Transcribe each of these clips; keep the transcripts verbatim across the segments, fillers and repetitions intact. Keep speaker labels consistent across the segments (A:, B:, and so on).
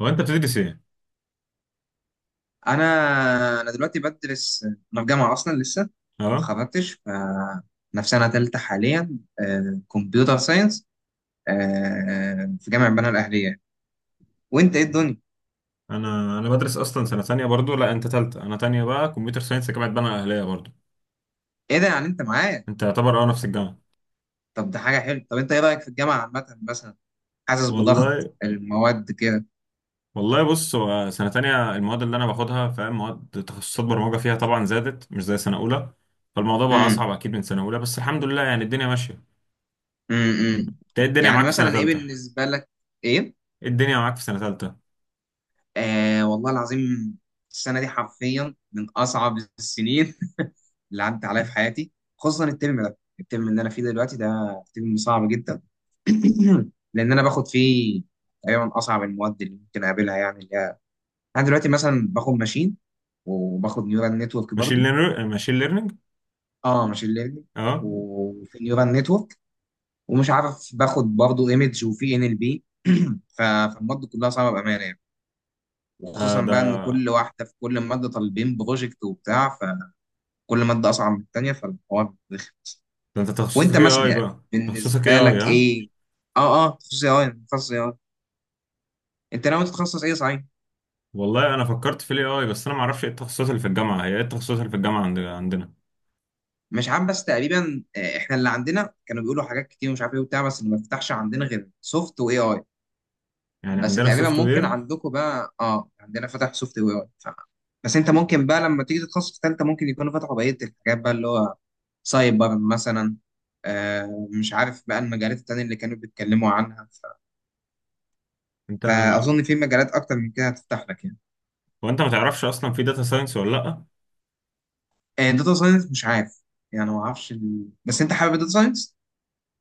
A: هو انت بتدرس ايه؟
B: انا انا دلوقتي بدرس، انا في جامعه اصلا لسه ما
A: اه.
B: اتخرجتش. ف انا في سنه ثالثه حاليا، كمبيوتر ساينس، في جامعه بنها الاهليه. وانت ايه الدنيا؟
A: انا انا بدرس اصلا سنه ثانيه برضو. لا، انت ثالثه، انا ثانيه بقى، كمبيوتر ساينس، جامعه بنها الاهليه برضو.
B: ايه ده يعني انت معايا؟
A: انت يعتبر اه نفس الجامعه.
B: طب ده حاجه حلوه. طب انت ايه رايك في الجامعه عامه مثلا؟ حاسس بضغط
A: والله.
B: المواد كده؟
A: والله، بص، هو سنه ثانيه المواد اللي انا باخدها فاهم، مواد تخصصات برمجه فيها طبعا زادت، مش زي سنه اولى. فالموضوع بقى
B: امم
A: اصعب اكيد من سنه اولى، بس الحمد لله يعني الدنيا ماشيه.
B: امم
A: انت ايه الدنيا
B: يعني
A: معاك في سنه
B: مثلا ايه
A: ثالثه؟
B: بالنسبه لك؟ ايه؟
A: ايه الدنيا معاك في سنه ثالثه؟
B: آه والله العظيم، السنه دي حرفيا من اصعب السنين اللي عدت عليا في حياتي. خصوصا الترم ده، الترم اللي انا فيه دلوقتي ده، ترم صعب جدا. لان انا باخد فيه تقريبا اصعب المواد اللي ممكن اقابلها، يعني اللي هي، انا دلوقتي مثلا باخد ماشين وباخد نيورال نتورك
A: ماشين
B: برضو.
A: ليرنينج، ماشين ليرنينج.
B: اه، ماشين ليرنينج،
A: اه.
B: وفي نيورال نتورك، ومش عارف باخد برضو ايمج، وفي ان ال بي. فالمواد كلها صعبه بامانه يعني،
A: ده
B: وخصوصا
A: ده
B: بقى ان كل واحده، في كل ماده طالبين بروجكت وبتاع، فكل ماده اصعب من التانيه، فالحوار.
A: ده انت
B: وانت
A: تخصصك ايه
B: مثلا
A: اي
B: يعني،
A: بقى.
B: بالنسبه
A: تخصصك ايه اي،
B: لك
A: ها؟
B: ايه؟ اه اه تخصص اي اي تخصص اي اي. انت ناوي تتخصص ايه صحيح؟
A: والله انا فكرت في الاي اي، بس انا ما اعرفش ايه التخصصات اللي في الجامعه، هي ايه التخصصات اللي في الجامعه عند- عندنا؟
B: مش عارف، بس تقريبا، آه، احنا اللي عندنا كانوا بيقولوا حاجات كتير، ومش عارف ايه وبتاع، بس اللي ما فتحش عندنا غير سوفت واي اي.
A: يعني
B: بس
A: عندنا
B: تقريبا
A: سوفت
B: ممكن
A: وير.
B: عندكم بقى، اه عندنا فتح سوفت واي اي ف... بس انت ممكن بقى لما تيجي تتخصص في ثالثه، ممكن يكونوا فتحوا بقيه الحاجات بقى، اللي هو سايبر مثلا، آه مش عارف بقى المجالات التانية اللي كانوا بيتكلموا عنها، ف...
A: انت
B: فاظن في مجالات اكتر من كده هتفتح لك يعني.
A: وانت ما تعرفش اصلا في داتا ساينس ولا لا؟
B: داتا ساينس؟ مش عارف، يعني ما اعرفش ال... بس انت حابب الداتا ساينس؟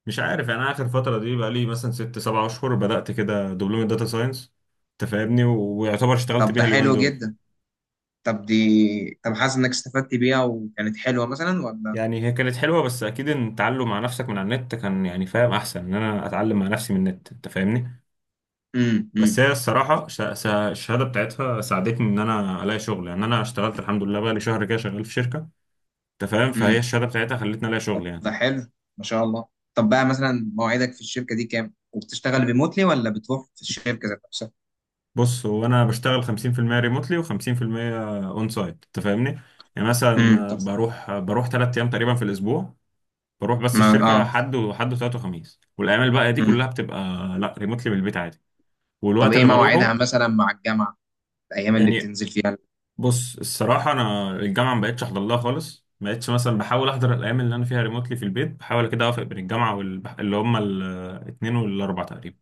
A: مش عارف. يعني انا اخر فتره دي بقى لي مثلا ست سبع اشهر بدات كده دبلومه داتا ساينس. انت فاهمني، و- ويعتبر اشتغلت
B: طب ده
A: بيها اليومين
B: حلو
A: دول.
B: جدا. طب دي، طب حاسس انك استفدت بيها وكانت حلوه مثلا ولا؟
A: يعني هي كانت حلوه، بس اكيد ان التعلم مع نفسك من على النت كان يعني فاهم احسن، ان انا اتعلم مع نفسي من النت، انت فاهمني.
B: امم
A: بس
B: امم
A: هي الصراحه ش- ش- الشهاده بتاعتها ساعدتني ان انا الاقي شغل، يعني انا اشتغلت الحمد لله بقى لي شهر كده شغال في شركه. انت فاهم، فهي
B: امم
A: الشهاده بتاعتها خلتني الاقي شغل يعني.
B: ده حلو، ما شاء الله. طب بقى مثلا مواعيدك في الشركه دي كام؟ وبتشتغل ريموتلي ولا بتروح في الشركه ذات نفسها؟
A: بص، هو انا بشتغل خمسين في المية ريموتلي و50% اون سايت، انت فاهمني. يعني
B: امم،
A: مثلا
B: طب،
A: بروح بروح ثلاث ايام تقريبا في الاسبوع. بروح، بس
B: ما...
A: الشركه
B: اه،
A: حد وحد وثلاث وخميس، والايام الباقيه دي كلها
B: امم،
A: بتبقى لا، ريموتلي من البيت عادي.
B: طب
A: والوقت
B: ايه
A: اللي
B: مواعيدها
A: بروحه
B: مثلا مع الجامعه؟ الايام اللي
A: يعني،
B: بتنزل فيها؟
A: بص الصراحه انا الجامعه ما بقتش احضر لها خالص، ما بقتش مثلا، بحاول احضر الايام اللي انا فيها ريموتلي في البيت، بحاول كده اوافق بين الجامعه وال... اللي هم الاثنين والاربع تقريبا.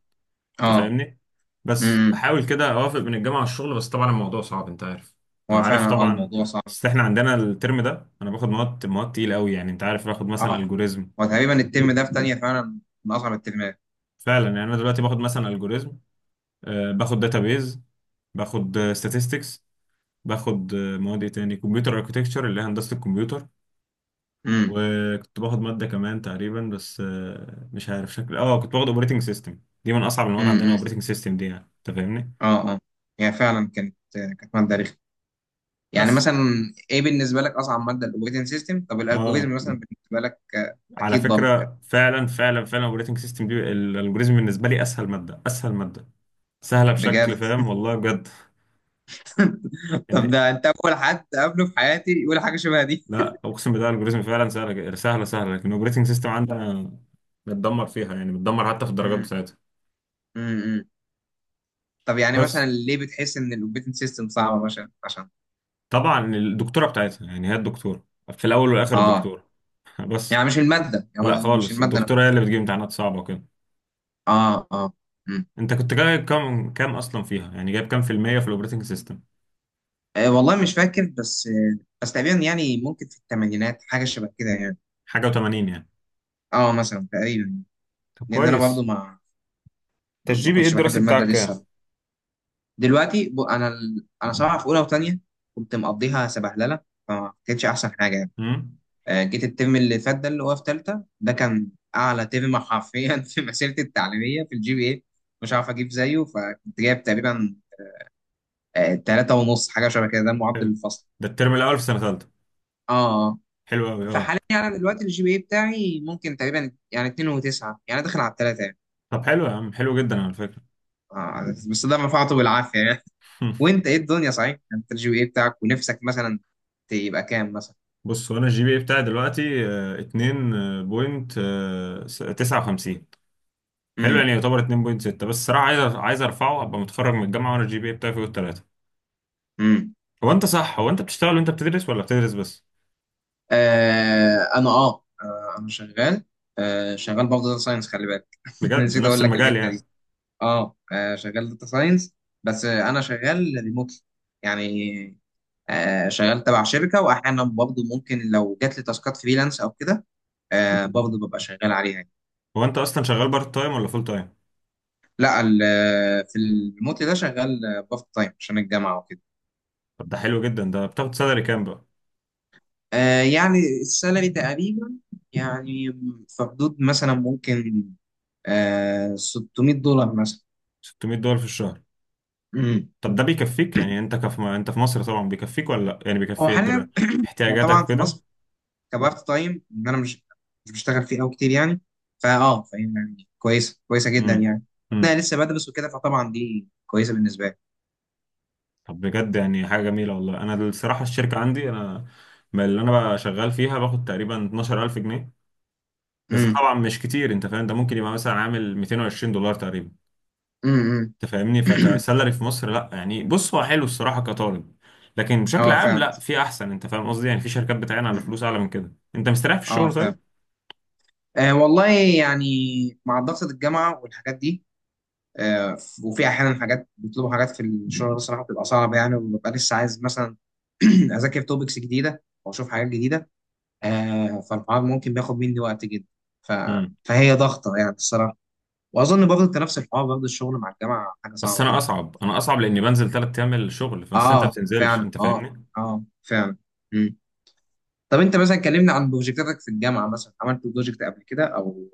A: انت
B: اه،
A: فاهمني. بس
B: امم،
A: بحاول كده اوافق بين الجامعه والشغل، بس طبعا الموضوع صعب، انت عارف. انت
B: هو
A: عارف
B: فعلا اه
A: طبعا.
B: الموضوع صعب.
A: بس احنا عندنا الترم ده انا باخد مواد، مواد تقيله قوي يعني، انت عارف، باخد مثلا
B: اه،
A: الجوريزم.
B: هو تقريبا الترم ده في تانية فعلا من اصعب الترمات.
A: فعلا، يعني انا دلوقتي باخد مثلا الجوريزم. آه، باخد داتابيز، باخد statistics، باخد آه، مواد ايه تاني، كمبيوتر اركتكتشر اللي هي هندسه الكمبيوتر. وكنت باخد ماده كمان تقريبا، بس آه، مش عارف شكل، اه كنت باخد اوبريتنج سيستم. دي من اصعب المواد
B: امم.
A: عندنا،
B: امم.
A: اوبريتنج سيستم دي يعني، انت فاهمني.
B: اه، اه، يعني فعلا كانت كانت ماده رخمه، يعني
A: بس.
B: مثلا ايه بالنسبه لك اصعب ماده، الاوبريتنج سيستم؟ طب
A: اه
B: الالجوريزم مثلا بالنسبه لك آه،
A: على
B: اكيد برضه كانت.
A: فكرة، فعلا فعلا فعلا الاوبريتنج سيستم دي، الالجوريزم بالنسبة لي اسهل مادة، اسهل مادة. سهلة بشكل
B: بجد؟
A: فاهم، والله بجد.
B: طب
A: ان.
B: ده انت اول حد قابله في حياتي يقول حاجه شبه دي.
A: لا، اقسم بالله الالجوريزم فعلا سهلة سهلة سهلة، لكن الاوبريتنج سيستم عندنا بتدمر فيها، يعني بتدمر حتى في الدرجات
B: امم.
A: بتاعتها.
B: امم. طب يعني مثلا
A: بس.
B: ليه بتحس ان الاوبريتنج سيستم صعبه مثلا؟ عشان؟
A: طبعا الدكتورة بتاعتها، يعني هي الدكتورة في الاول والاخر
B: اه،
A: الدكتورة. بس.
B: يعني مش الماده،
A: لا
B: يعني مش
A: خالص،
B: الماده نفسها؟
A: الدكتورة هي اللي بتجيب امتحانات صعبة وكده.
B: اه، اه. امم.
A: انت كنت جايب كام، كام اصلا فيها يعني، جايب كام في المية في الاوبريتنج سيستم؟
B: آه، والله مش فاكر، بس آه، بس تقريبا يعني ممكن في الثمانينات، حاجه شبه كده يعني.
A: حاجة و80 يعني.
B: اه مثلا تقريبا.
A: طب
B: لان انا برضه
A: كويس.
B: ما
A: انت الجي
B: ما
A: بي ايه
B: كنتش بحب
A: الدراسي
B: المادة
A: بتاعك
B: دي
A: كام؟
B: الصراحة. دلوقتي ب... أنا ال... أنا صراحة في أولى وتانية كنت مقضيها سبهللة، فما كانتش أحسن حاجة يعني.
A: امم.
B: آه، جيت الترم اللي فات ده، اللي هو في تالتة، ده كان أعلى ترم حرفيا في مسيرتي التعليمية في الجي بي إيه. مش عارف أجيب زيه. فكنت جايب تقريبا آه، تلاتة ونص، حاجة شبه كده، ده معدل
A: حلو.
B: الفصل.
A: ده الترم الاول في سنه ثالثه؟
B: آه. آه.
A: حلو قوي، اه.
B: فحاليا أنا دلوقتي الجي بي إيه بتاعي ممكن تقريبا يعني اتنين وتسعة، يعني داخل على التلاتة يعني.
A: طب حلو يا عم، حلو جدا على فكره.
B: آه، بس ده رفعته بالعافية يعني. وانت ايه الدنيا صحيح؟ انت الجي بي اي بتاعك ونفسك مثلا تبقى كام مثلا؟
A: بص، وانا الجي بي اي بتاعي دلوقتي آه، اتنين وتسعة وخمسين. حلو يعني،
B: امم.
A: يعتبر اتنين وسته. بس الصراحه عايز، عايز ارفعه، ابقى متخرج من الجامعه وانا الجي بي اي بتاعي فوق الثلاثه.
B: امم.
A: هو انت صح هو انت بتشتغل وانت بتدرس ولا بتدرس بس؟
B: آه انا، اه آه، انا شغال. آه شغال برضه داتا ساينس، خلي بالك،
A: بجد،
B: نسيت
A: نفس
B: اقول لك
A: المجال
B: الحته دي.
A: يعني.
B: اه آه، شغال داتا ساينس، بس آه، انا شغال ريموتلي يعني. آه شغال تبع شركه، واحيانا برضه ممكن لو جات لي تاسكات فريلانس او كده، آه برضه ببقى شغال عليها يعني.
A: هو انت اصلا شغال بارت تايم ولا فول تايم؟
B: لا ال- آه، في الريموتلي ده شغال بارت تايم عشان الجامعه وكده.
A: طب ده حلو جدا، ده بتاخد سالري كام بقى؟
B: آه يعني السالري تقريبا، يعني في حدود مثلا ممكن آه ستمية دولار مثلا.
A: ستمية دولار في الشهر؟
B: امم.
A: طب ده بيكفيك يعني، انت كف... انت في مصر طبعا، بيكفيك ولا لا يعني،
B: هو
A: بيكفي در...
B: حاليا، هو
A: احتياجاتك
B: طبعا في
A: وكده؟
B: مصر كبارت تايم، ان انا مش مش بشتغل فيه قوي كتير يعني، فاه فاهم يعني، كويسه كويسه جدا
A: امم،
B: يعني.
A: امم.
B: انا لسه بدرس وكده، فطبعا دي كويسه بالنسبه لي.
A: طب بجد يعني حاجه جميله والله. انا الصراحه الشركه عندي انا، ما، اللي انا بقى شغال فيها باخد تقريبا اتناشر الف جنيه. بس ده
B: امم.
A: طبعا مش كتير، انت فاهم، ده ممكن يبقى مثلا عامل ميتين وعشرين دولار تقريبا.
B: امم.
A: انت فاهمني، فكسالري في مصر لا يعني، بص هو حلو الصراحه كطالب، لكن بشكل
B: اه
A: عام
B: فعلا.
A: لا، في احسن، انت فاهم قصدي يعني، في شركات بتعين على
B: مم.
A: فلوس اعلى من كده، انت مستريح في
B: اه
A: الشغل.
B: فعلا. آه والله يعني مع ضغط الجامعه والحاجات دي، آه، وفي احيانا حاجات بيطلبوا حاجات في الشغل بصراحه بتبقى صعبه يعني، وببقى لسه عايز مثلا اذاكر توبكس جديده او اشوف حاجات جديده. آه، فالحوار ممكن بياخد مني وقت جدا. ف...
A: طيب.
B: فهي ضغطه يعني الصراحه، واظن برضه انت نفس الحوار برضه، الشغل مع الجامعه حاجه
A: بس
B: صعبه
A: انا
B: جدا.
A: اصعب، انا اصعب لاني بنزل ثلاث ايام الشغل، بس انت ما
B: اه
A: بتنزلش،
B: فعلا،
A: انت
B: اه.
A: فاهمني.
B: اه فعلا. مم. طب انت مثلا كلمنا عن بروجكتاتك في الجامعه، مثلا عملت بروجكت قبل كده او؟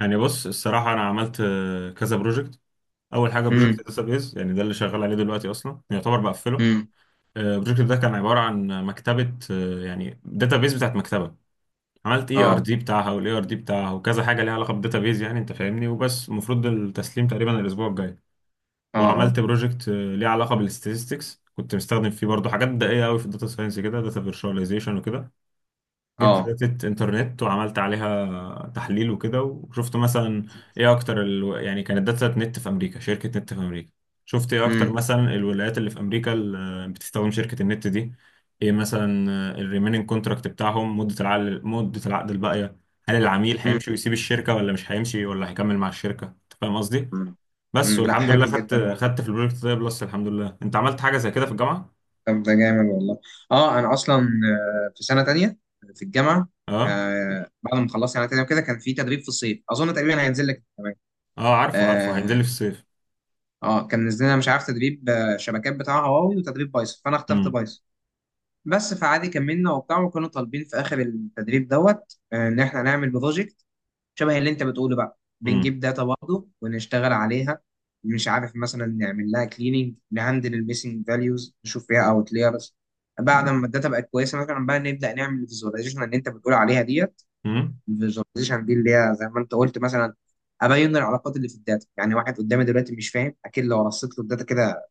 A: يعني بص الصراحه انا عملت آه، كذا بروجكت. اول حاجه بروجكت
B: امم.
A: داتابيز، يعني ده اللي شغال عليه دلوقتي، اصلا يعتبر بقفله.
B: امم.
A: آه، البروجكت ده كان عباره عن مكتبه، آه، يعني داتابيز بتاعت مكتبه. عملت اي ار
B: اه.
A: دي بتاعها، والاي ار دي بتاعها، وكذا حاجه ليها علاقه بالداتابيز يعني، انت فاهمني، وبس المفروض التسليم تقريبا الاسبوع الجاي.
B: اه. اه.
A: وعملت بروجكت آه، ليه علاقه بالستاتستكس، كنت مستخدم فيه برضه حاجات دقيقه قوي في الداتا ساينس كده، داتا فيرشواليزيشن وكده. جبت
B: اه.
A: داتا انترنت وعملت عليها تحليل وكده، وشفت مثلا ايه اكتر ال... يعني كانت داتا نت في امريكا، شركة نت في امريكا. شفت ايه اكتر
B: امم.
A: مثلا الولايات اللي في امريكا اللي بتستخدم شركة النت دي. ايه مثلا الريميننج كونتراكت بتاعهم، مدة العقد مدة العقد الباقية. هل العميل هيمشي ويسيب الشركة، ولا مش هيمشي، ولا هيكمل مع الشركة، انت فاهم قصدي. بس
B: امم. لا
A: والحمد
B: حلو
A: لله خدت
B: جدا والله.
A: خدت في البروجكت ده بلس، الحمد لله. انت عملت حاجة زي كده في الجامعة؟
B: طب ده جامد والله. اه انا اصلا آه، في سنه تانية في الجامعه،
A: اه،
B: آه، بعد ما خلصت سنه تانية وكده كان في تدريب في الصيف، اظن تقريبا هينزل لك كمان.
A: اه، عارفه عارفه، هينزل
B: اه
A: لي في الصيف.
B: آه، كان نزل لنا، مش عارف تدريب آه، شبكات بتاع هواوي، وتدريب بايثون، فانا اخترت
A: امم،
B: بايثون. بس فعادي كملنا وبتاع، وكانوا طالبين في اخر التدريب دوت آه، ان احنا نعمل بروجكت شبه اللي انت بتقوله بقى،
A: امم،
B: بنجيب داتا برضه ونشتغل عليها. مش عارف مثلا نعمل لها كليننج، نهندل الميسنج فاليوز، نشوف فيها اوتلايرز. بعد ما الداتا بقت كويسه مثلا، بقى نبدا نعمل الفيزواليزيشن اللي انت بتقول عليها ديت.
A: امم،
B: الفيزواليزيشن دي اللي هي زي ما انت قلت مثلا، ابين العلاقات اللي في الداتا يعني. واحد قدامي دلوقتي مش فاهم، اكيد لو رصيت له الداتا كده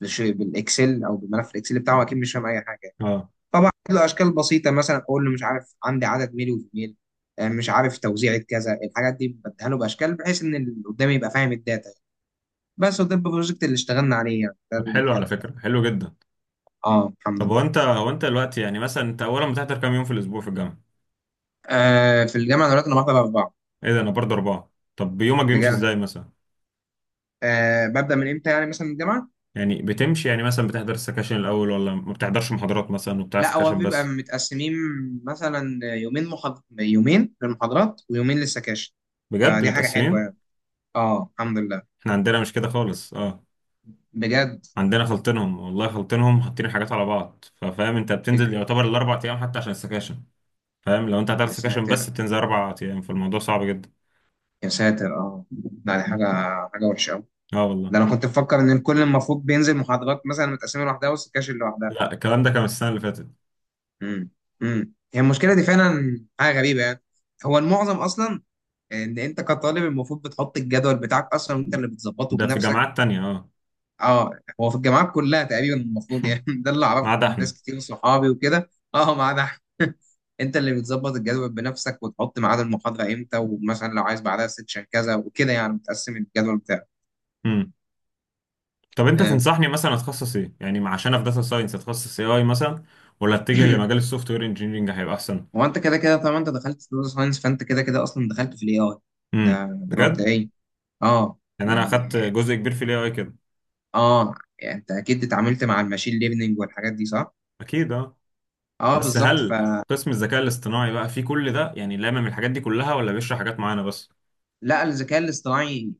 B: بش- بالاكسل او بالملف الاكسل بتاعه، اكيد مش فاهم اي حاجه.
A: اه.
B: طبعا له اشكال بسيطه مثلا اقول له، مش عارف عندي عدد ميل وفيميل، آه، مش عارف توزيعة كذا، الحاجات دي بديها له باشكال، بحيث ان اللي قدامي يبقى فاهم الداتا يعني. بس، وده البروجكت اللي اشتغلنا عليه يعني، ده
A: طب
B: اللي
A: حلو على
B: كان.
A: فكرة، حلو جدا.
B: اه الحمد
A: طب هو
B: لله.
A: انت هو انت دلوقتي يعني مثلا، انت اولا بتحضر كام يوم في الاسبوع في الجامعة؟
B: آه في الجامعه دلوقتي انا بحضر اربعه.
A: ايه ده، انا برضه اربعة. طب يومك بيمشي
B: بجد؟
A: ازاي مثلا؟
B: آه ببدا من امتى يعني مثلا الجامعه؟
A: يعني بتمشي يعني، مثلا بتحضر السكاشن الاول، ولا ما بتحضرش محاضرات مثلا، وبتاع
B: لا هو
A: سكاشن
B: بيبقى
A: بس؟
B: متقسمين، مثلا يومين محاض... يومين للمحاضرات ويومين للسكاشن،
A: بجد،
B: فدي حاجه حلوه
A: متقسمين؟
B: يعني. اه الحمد لله.
A: احنا عندنا مش كده خالص، اه.
B: بجد؟
A: عندنا خلطينهم والله، خلطينهم، حاطين حاجات على بعض، ففاهم انت بتنزل يعتبر الاربع ايام حتى عشان السكاشن. فاهم، لو انت هتحضر
B: يا
A: سكاشن
B: ساتر،
A: بس، بتنزل اربع ايام، فالموضوع صعب جدا.
B: يا ساتر اه. لا دي حاجة، حاجة وحشة أوي.
A: اه والله.
B: ده أنا كنت بفكر إن الكل المفروض بينزل محاضرات مثلا متقسمة لوحدها والسكاشن لوحدها.
A: لا، الكلام ده كان السنة اللي فاتت.
B: امم. امم. هي المشكلة دي فعلا حاجة غريبة يعني. هو المعظم أصلا، إن أنت كطالب المفروض بتحط الجدول بتاعك أصلا، وأنت اللي بتظبطه
A: ده في
B: بنفسك.
A: جامعات تانية، اه.
B: أه. هو في الجامعات كلها تقريبا المفروض يعني، ده اللي
A: ما
B: أعرفه
A: عدا
B: من ناس
A: احنا.
B: كتير صحابي وكده. أه، ما عدا أحمد. أنت اللي بتظبط الجدول بنفسك، وتحط ميعاد المحاضرة إمتى، ومثلا لو عايز بعدها سيكشن كذا وكده، يعني بتقسم الجدول بتاعك.
A: امم. طب انت
B: آه.
A: تنصحني مثلا اتخصص ايه يعني مع- عشان في داتا ساينس، اتخصص اي اي مثلا، ولا اتجه لمجال السوفت وير انجينيرنج هيبقى احسن؟
B: هو انت كده كده طالما انت دخلت داتا ساينس، فانت كده كده اصلا دخلت في الاي اي. ده
A: امم،
B: ده
A: بجد؟
B: مبدئيا. اه
A: يعني انا اخدت
B: يعني.
A: جزء كبير في الاي اي كده.
B: اه، يعني انت اكيد اتعاملت مع الماشين ليرنينج والحاجات دي صح؟
A: اكيد، اه.
B: اه
A: بس
B: بالظبط
A: هل
B: فلا.
A: قسم الذكاء الاصطناعي بقى فيه كل ده يعني، لامم الحاجات دي كلها، ولا بيشرح حاجات معينه بس؟
B: الذكاء الاصطناعي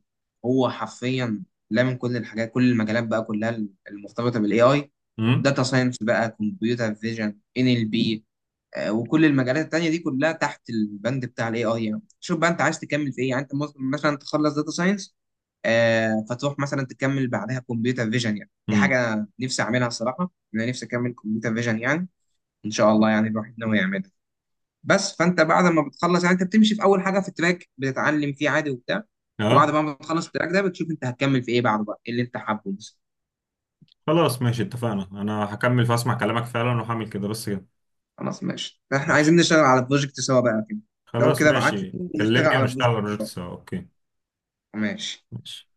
B: هو حرفيا، لا من كل الحاجات، كل المجالات بقى كلها المرتبطه بالاي اي.
A: امم،
B: داتا ساينس بقى، كمبيوتر فيجن، ان ال بي، آه، وكل المجالات التانية دي كلها تحت البند بتاع الاي اي يعني. شوف بقى انت عايز تكمل في ايه يعني. انت ممكن مثلا تخلص داتا ساينس آه فتروح مثلا تكمل بعدها كمبيوتر فيجن يعني، دي
A: امم،
B: حاجة أنا نفسي أعملها الصراحة، أنا نفسي أكمل كمبيوتر فيجن يعني. إن شاء الله يعني الواحد ناوي يعملها. بس فأنت بعد ما بتخلص يعني، أنت بتمشي في أول حاجة في التراك بتتعلم فيه عادي وبتاع، وبعد
A: اه.
B: ما بتخلص التراك ده بتشوف أنت هتكمل في إيه بعده بقى، إيه اللي أنت حابه بس.
A: خلاص ماشي، اتفقنا، انا هكمل فاسمع كلامك فعلا وهعمل كده، بس كده.
B: خلاص ماشي، إحنا
A: ماشي.
B: عايزين نشتغل على بروجكت سوا بقى كده. لو
A: خلاص
B: كده ابعت
A: ماشي،
B: لي نشتغل
A: كلمني
B: على
A: ونشتغل
B: بروجكت.
A: على البروجكت سوا، اوكي.
B: ماشي.
A: ماشي.